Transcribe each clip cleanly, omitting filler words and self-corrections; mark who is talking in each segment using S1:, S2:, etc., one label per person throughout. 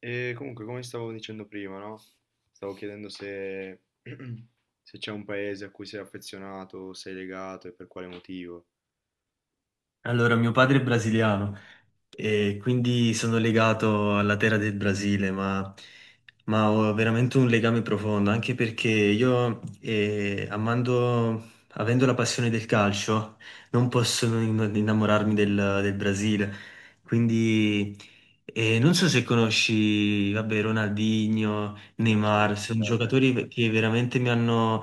S1: E comunque, come stavo dicendo prima, no? Stavo chiedendo se, se c'è un paese a cui sei affezionato, sei legato e per quale motivo.
S2: Allora, mio padre è brasiliano e quindi sono legato alla terra del Brasile, ma ho veramente un legame profondo, anche perché io, amando, avendo la passione del calcio, non posso non innamorarmi del Brasile. Quindi, non so se conosci, vabbè, Ronaldinho,
S1: E beh,
S2: Neymar,
S1: certo,
S2: sono
S1: certo.
S2: giocatori che veramente mi hanno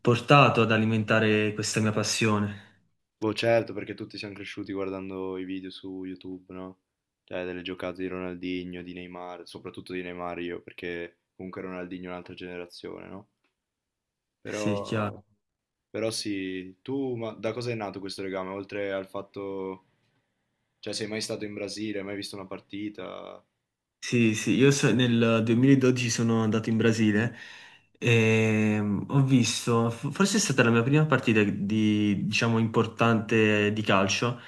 S2: portato ad alimentare questa mia passione.
S1: Boh, certo, perché tutti siamo cresciuti guardando i video su YouTube, no? Cioè, delle giocate di Ronaldinho, di Neymar, soprattutto di Neymar io, perché comunque Ronaldinho è un'altra generazione, no?
S2: Sì,
S1: Però,
S2: chiaro.
S1: però sì, tu ma da cosa è nato questo legame? Oltre al fatto, cioè, sei mai stato in Brasile, hai mai visto una partita?
S2: Sì, sì, nel 2012 sono andato in Brasile e ho visto, forse è stata la mia prima partita di, diciamo, importante di calcio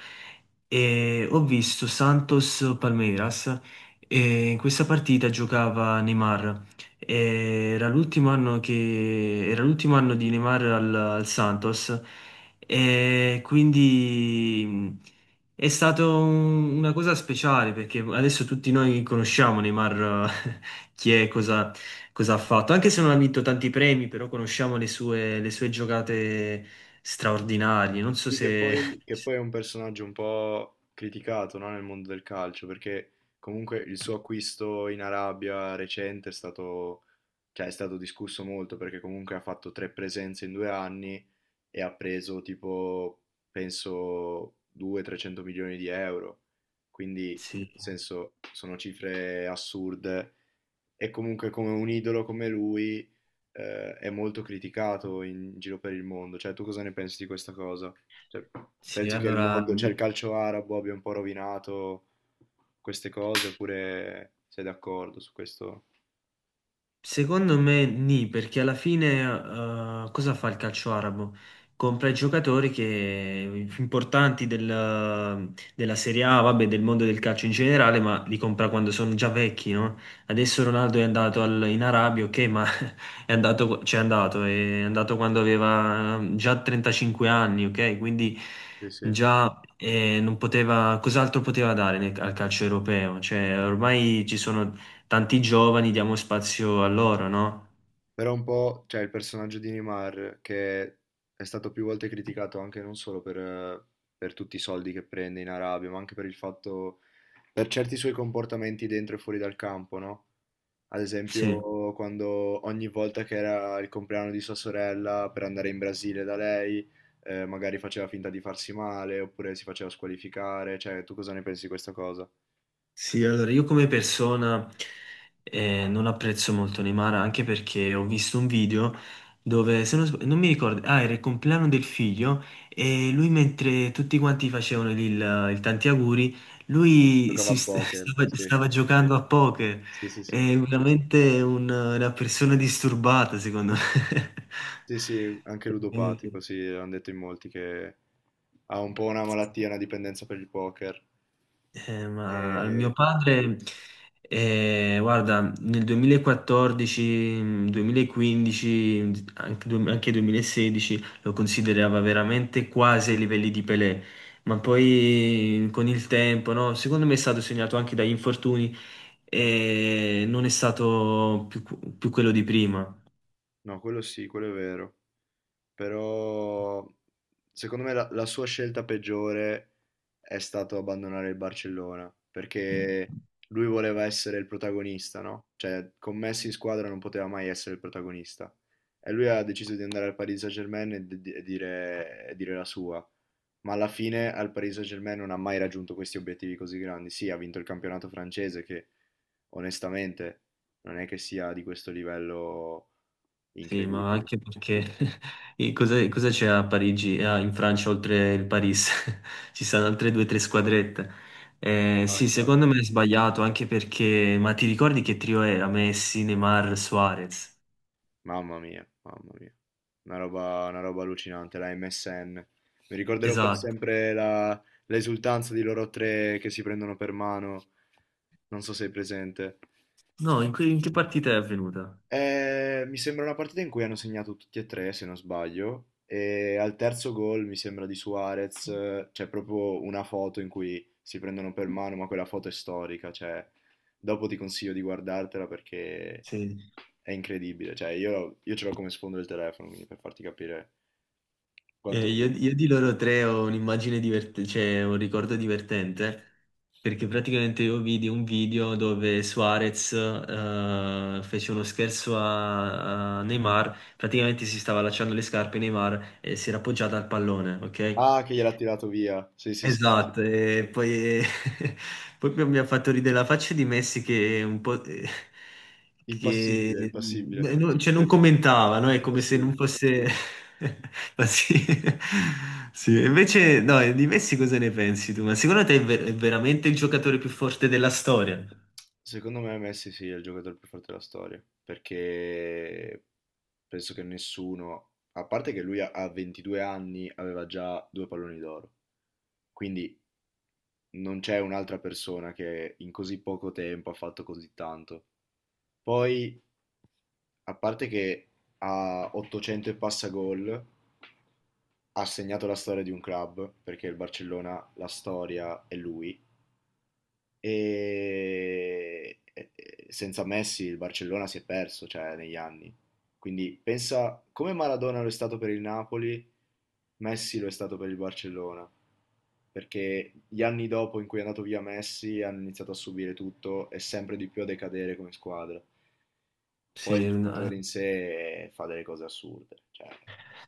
S2: e ho visto Santos Palmeiras e in questa partita giocava Neymar. E era l'ultimo anno di Neymar al Santos e quindi è stata una cosa speciale perché adesso tutti noi conosciamo Neymar, chi è, cosa ha fatto, anche se non ha vinto tanti premi, però conosciamo le sue giocate straordinarie. Non so
S1: Sì, che
S2: se.
S1: poi, che poi è un personaggio un po' criticato, no, nel mondo del calcio, perché comunque il suo acquisto in Arabia recente è stato, cioè, è stato discusso molto, perché comunque ha fatto tre presenze in due anni e ha preso tipo, penso, 200-300 milioni di euro. Quindi, nel
S2: Sì,
S1: senso, sono cifre assurde. E comunque come un idolo come lui è molto criticato in giro per il mondo. Cioè, tu cosa ne pensi di questa cosa? Cioè,
S2: sì,
S1: pensi che il
S2: allora.
S1: mondo, cioè il calcio arabo abbia un po' rovinato queste cose oppure sei d'accordo su questo?
S2: Secondo me nì, perché alla fine cosa fa il calcio arabo? Compra i giocatori che, importanti della Serie A, vabbè, del mondo del calcio in generale, ma li compra quando sono già vecchi, no? Adesso Ronaldo è andato in Arabia, ok, ma c'è andato, è andato quando aveva già 35 anni, ok? Quindi
S1: Sì, sì.
S2: già non poteva, cos'altro poteva dare al calcio europeo? Cioè, ormai ci sono tanti giovani, diamo spazio a loro, no?
S1: Però un po', cioè il personaggio di Neymar, che è stato più volte criticato anche non solo per tutti i soldi che prende in Arabia, ma anche per il fatto, per certi suoi comportamenti dentro e fuori dal campo, no? Ad
S2: Sì,
S1: esempio, quando ogni volta che era il compleanno di sua sorella per andare in Brasile da lei, magari faceva finta di farsi male, oppure si faceva squalificare, cioè tu cosa ne pensi di questa cosa?
S2: sì, allora io come persona non apprezzo molto Neymar anche perché ho visto un video dove, se non, sb- non mi ricordo, ah, era il compleanno del figlio e lui mentre tutti quanti facevano il tanti auguri, lui
S1: Giocava a poker, sì,
S2: stava giocando a poker.
S1: sì, sì, sì.
S2: È veramente una persona disturbata, secondo
S1: Sì, sì, anche
S2: me.
S1: ludopatico, sì, hanno detto in molti che ha un po' una malattia, una dipendenza per il poker.
S2: Ma al mio
S1: E-
S2: padre, guarda, nel 2014, 2015, anche, anche 2016 lo considerava veramente quasi ai livelli di Pelé, ma poi con il tempo, no? Secondo me è stato segnato anche dagli infortuni e non è stato più quello di prima.
S1: No, quello sì, quello è vero. Però secondo me la sua scelta peggiore è stato abbandonare il Barcellona, perché lui voleva essere il protagonista, no? Cioè, con Messi in squadra non poteva mai essere il protagonista. E lui ha deciso di andare al Paris Saint-Germain e, e dire la sua. Ma alla fine al Paris Saint-Germain non ha mai raggiunto questi obiettivi così grandi. Sì, ha vinto il campionato francese, che onestamente non è che sia di questo livello
S2: Sì, ma
S1: incredibile.
S2: anche perché e cosa c'è a Parigi, ah, in Francia oltre il Paris? Ci sono altre due o tre squadrette.
S1: No,
S2: Sì,
S1: infatti.
S2: secondo me è sbagliato anche perché, ma ti ricordi che trio era? Messi, Neymar, Suarez?
S1: Mamma mia, mamma mia. Una roba allucinante, la MSN. Mi ricorderò per
S2: Esatto.
S1: sempre la- L'esultanza di loro tre che si prendono per mano. Non so se sei presente.
S2: No, in che partita è avvenuta?
S1: Mi sembra una partita in cui hanno segnato tutti e tre, se non sbaglio, e al terzo gol mi sembra di Suarez, c'è proprio una foto in cui si prendono per mano, ma quella foto è storica, cioè dopo ti consiglio di guardartela perché
S2: Sì.
S1: è incredibile, cioè io ce l'ho come sfondo del telefono, quindi per farti capire quanto...
S2: Io di loro tre ho un'immagine divertente, cioè un ricordo divertente, perché praticamente io vidi un video dove Suarez fece uno scherzo a Neymar, praticamente si stava allacciando le scarpe Neymar e si era appoggiata al pallone, ok?
S1: Ah, che gliel'ha tirato via, sì sì sì, sì.
S2: Esatto, poi mi ha fatto ridere la faccia di Messi che un po'... che
S1: Impassibile, impassibile,
S2: non, cioè non commentava, no? È come se non
S1: impassibile.
S2: fosse. Ma sì. Sì, invece no, di Messi cosa ne pensi tu? Ma secondo te è veramente il giocatore più forte della storia?
S1: Secondo me Messi sì, è il giocatore più forte della storia, perché penso che nessuno, a parte che lui a 22 anni aveva già due palloni d'oro, quindi non c'è un'altra persona che in così poco tempo ha fatto così tanto. Ppoi, a parte che a 800 e passa gol, ha segnato la storia di un club, perché il Barcellona, la storia è lui, E senza Messi il Barcellona si è perso, cioè, negli anni. Quindi pensa come Maradona lo è stato per il Napoli, Messi lo è stato per il Barcellona. Perché gli anni dopo in cui è andato via Messi hanno iniziato a subire tutto e sempre di più a decadere come squadra. Poi il
S2: Sì, no. Eh.
S1: giocatore in sé fa delle cose assurde. Cioè,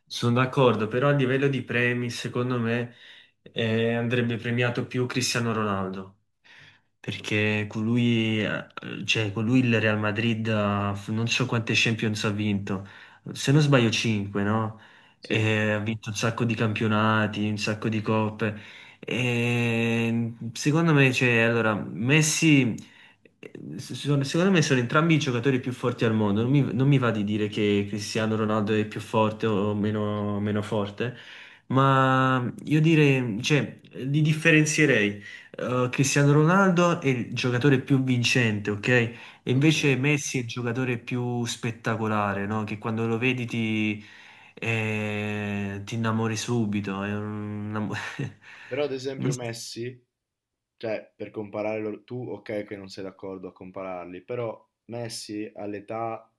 S2: Sono d'accordo, però a livello di premi, secondo me, andrebbe premiato più Cristiano Ronaldo, perché con lui, cioè, con lui il Real Madrid non so quante Champions ha vinto, se non sbaglio 5, no?
S1: sì,
S2: E ha vinto un sacco di campionati, un sacco di coppe. E secondo me, cioè, allora, Messi. Secondo me sono entrambi i giocatori più forti al mondo. Non mi va di dire che Cristiano Ronaldo è più forte o meno forte, ma io direi, cioè, li differenzierei. Cristiano Ronaldo è il giocatore più vincente, ok? E
S1: ok.
S2: invece Messi è il giocatore più spettacolare, no? Che quando lo vedi ti innamori subito. Una-
S1: Però ad esempio Messi, tu ok che non sei d'accordo a compararli, però Messi all'età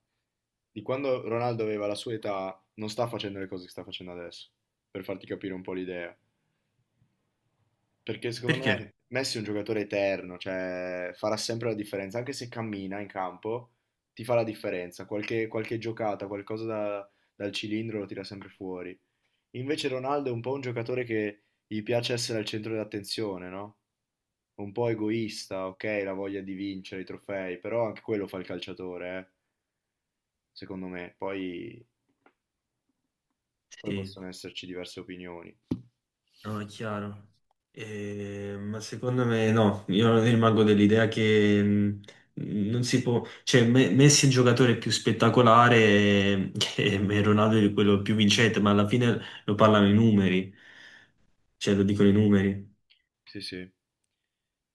S1: di quando Ronaldo aveva la sua età non sta facendo le cose che sta facendo adesso, per farti capire un po' l'idea. Perché secondo
S2: Perché?
S1: me Messi è un giocatore eterno, cioè farà sempre la differenza, anche se cammina in campo, ti fa la differenza, qualche giocata, dal cilindro lo tira sempre fuori. Invece Ronaldo è un po' un giocatore che gli piace essere al centro dell'attenzione, no? Un po' egoista, ok, la voglia di vincere i trofei, però anche quello fa il calciatore, secondo me. Poi
S2: Sì.
S1: possono esserci diverse opinioni.
S2: No, è chiaro. Ma secondo me no, io rimango dell'idea che non si può, cioè Messi è il giocatore più spettacolare e Ronaldo è quello più vincente, ma alla fine lo parlano i numeri, cioè lo dicono i numeri.
S1: Sì, sì,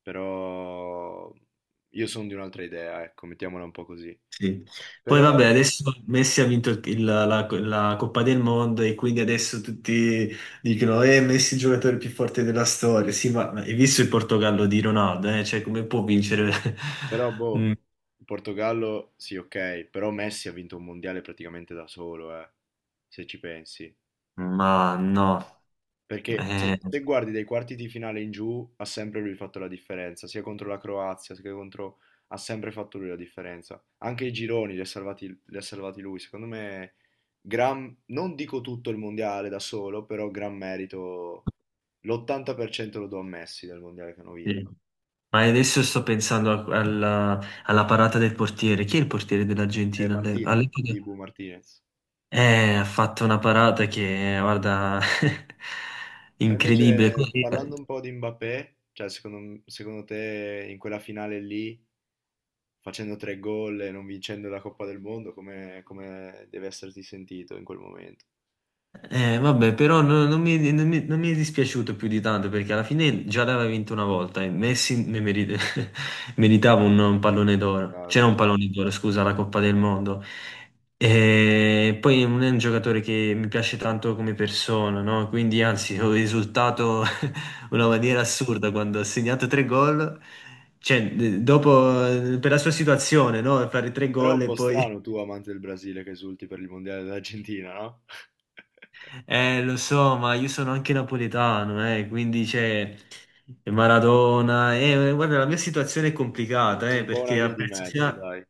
S1: però io sono di un'altra idea, ecco, mettiamola un po' così.
S2: Sì. Poi
S1: Però,
S2: vabbè, adesso Messi ha vinto la Coppa del Mondo e quindi adesso tutti dicono Messi è il giocatore più forte della storia. Sì, ma hai visto il Portogallo di Ronaldo? Eh? Cioè, come può vincere?
S1: però, boh,
S2: Mm,
S1: il Portogallo, sì, ok, però Messi ha vinto un mondiale praticamente da solo, se ci pensi.
S2: Ma no.
S1: Perché se,
S2: Eh,
S1: se guardi dai quarti di finale in giù, ha sempre lui fatto la differenza, sia contro la Croazia, sia contro... ha sempre fatto lui la differenza. Anche i gironi li ha salvati lui. Secondo me, gran, non dico tutto il mondiale da solo, però gran merito, l'80% lo do a Messi del mondiale che hanno vinto.
S2: sì. Ma adesso sto pensando alla parata del portiere. Chi è il portiere
S1: E
S2: dell'Argentina?
S1: Martinez,
S2: All'epoca
S1: di Bu Martinez.
S2: ha fatto una parata che, guarda,
S1: Ma
S2: incredibile.
S1: invece, parlando un po' di Mbappé, cioè secondo te in quella finale lì... facendo tre gol e non vincendo la Coppa del Mondo, come, come deve esserti sentito in quel momento.
S2: Vabbè, però non mi è dispiaciuto più di tanto perché alla fine già l'aveva vinto una volta e Messi meritava un pallone d'oro.
S1: Chiaro.
S2: C'era un pallone d'oro, scusa, la Coppa del Mondo. E poi non è un giocatore che mi piace tanto come persona, no? Quindi anzi, ho esultato una maniera assurda quando ha segnato tre gol. Cioè, dopo, per la sua situazione, no? Fare tre
S1: Però è
S2: gol
S1: un
S2: e
S1: po'
S2: poi.
S1: strano tu, amante del Brasile, che esulti per il Mondiale dell'Argentina, no?
S2: Lo so, ma io sono anche napoletano, quindi c'è Maradona. Guarda, la mia situazione è
S1: Quindi
S2: complicata,
S1: c'è un po' una
S2: perché
S1: via di
S2: apprezzo
S1: mezzo,
S2: sia.
S1: dai,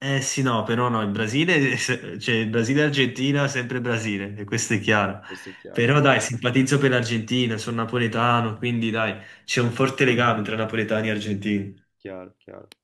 S2: Eh sì, no, però no, il Brasile, cioè il Brasile e Argentina, sempre Brasile, e questo è chiaro.
S1: questo è chiaro,
S2: Però dai, simpatizzo per l'Argentina, sono napoletano, quindi dai, c'è un forte legame tra napoletani e argentini.
S1: chiaro, chiaro.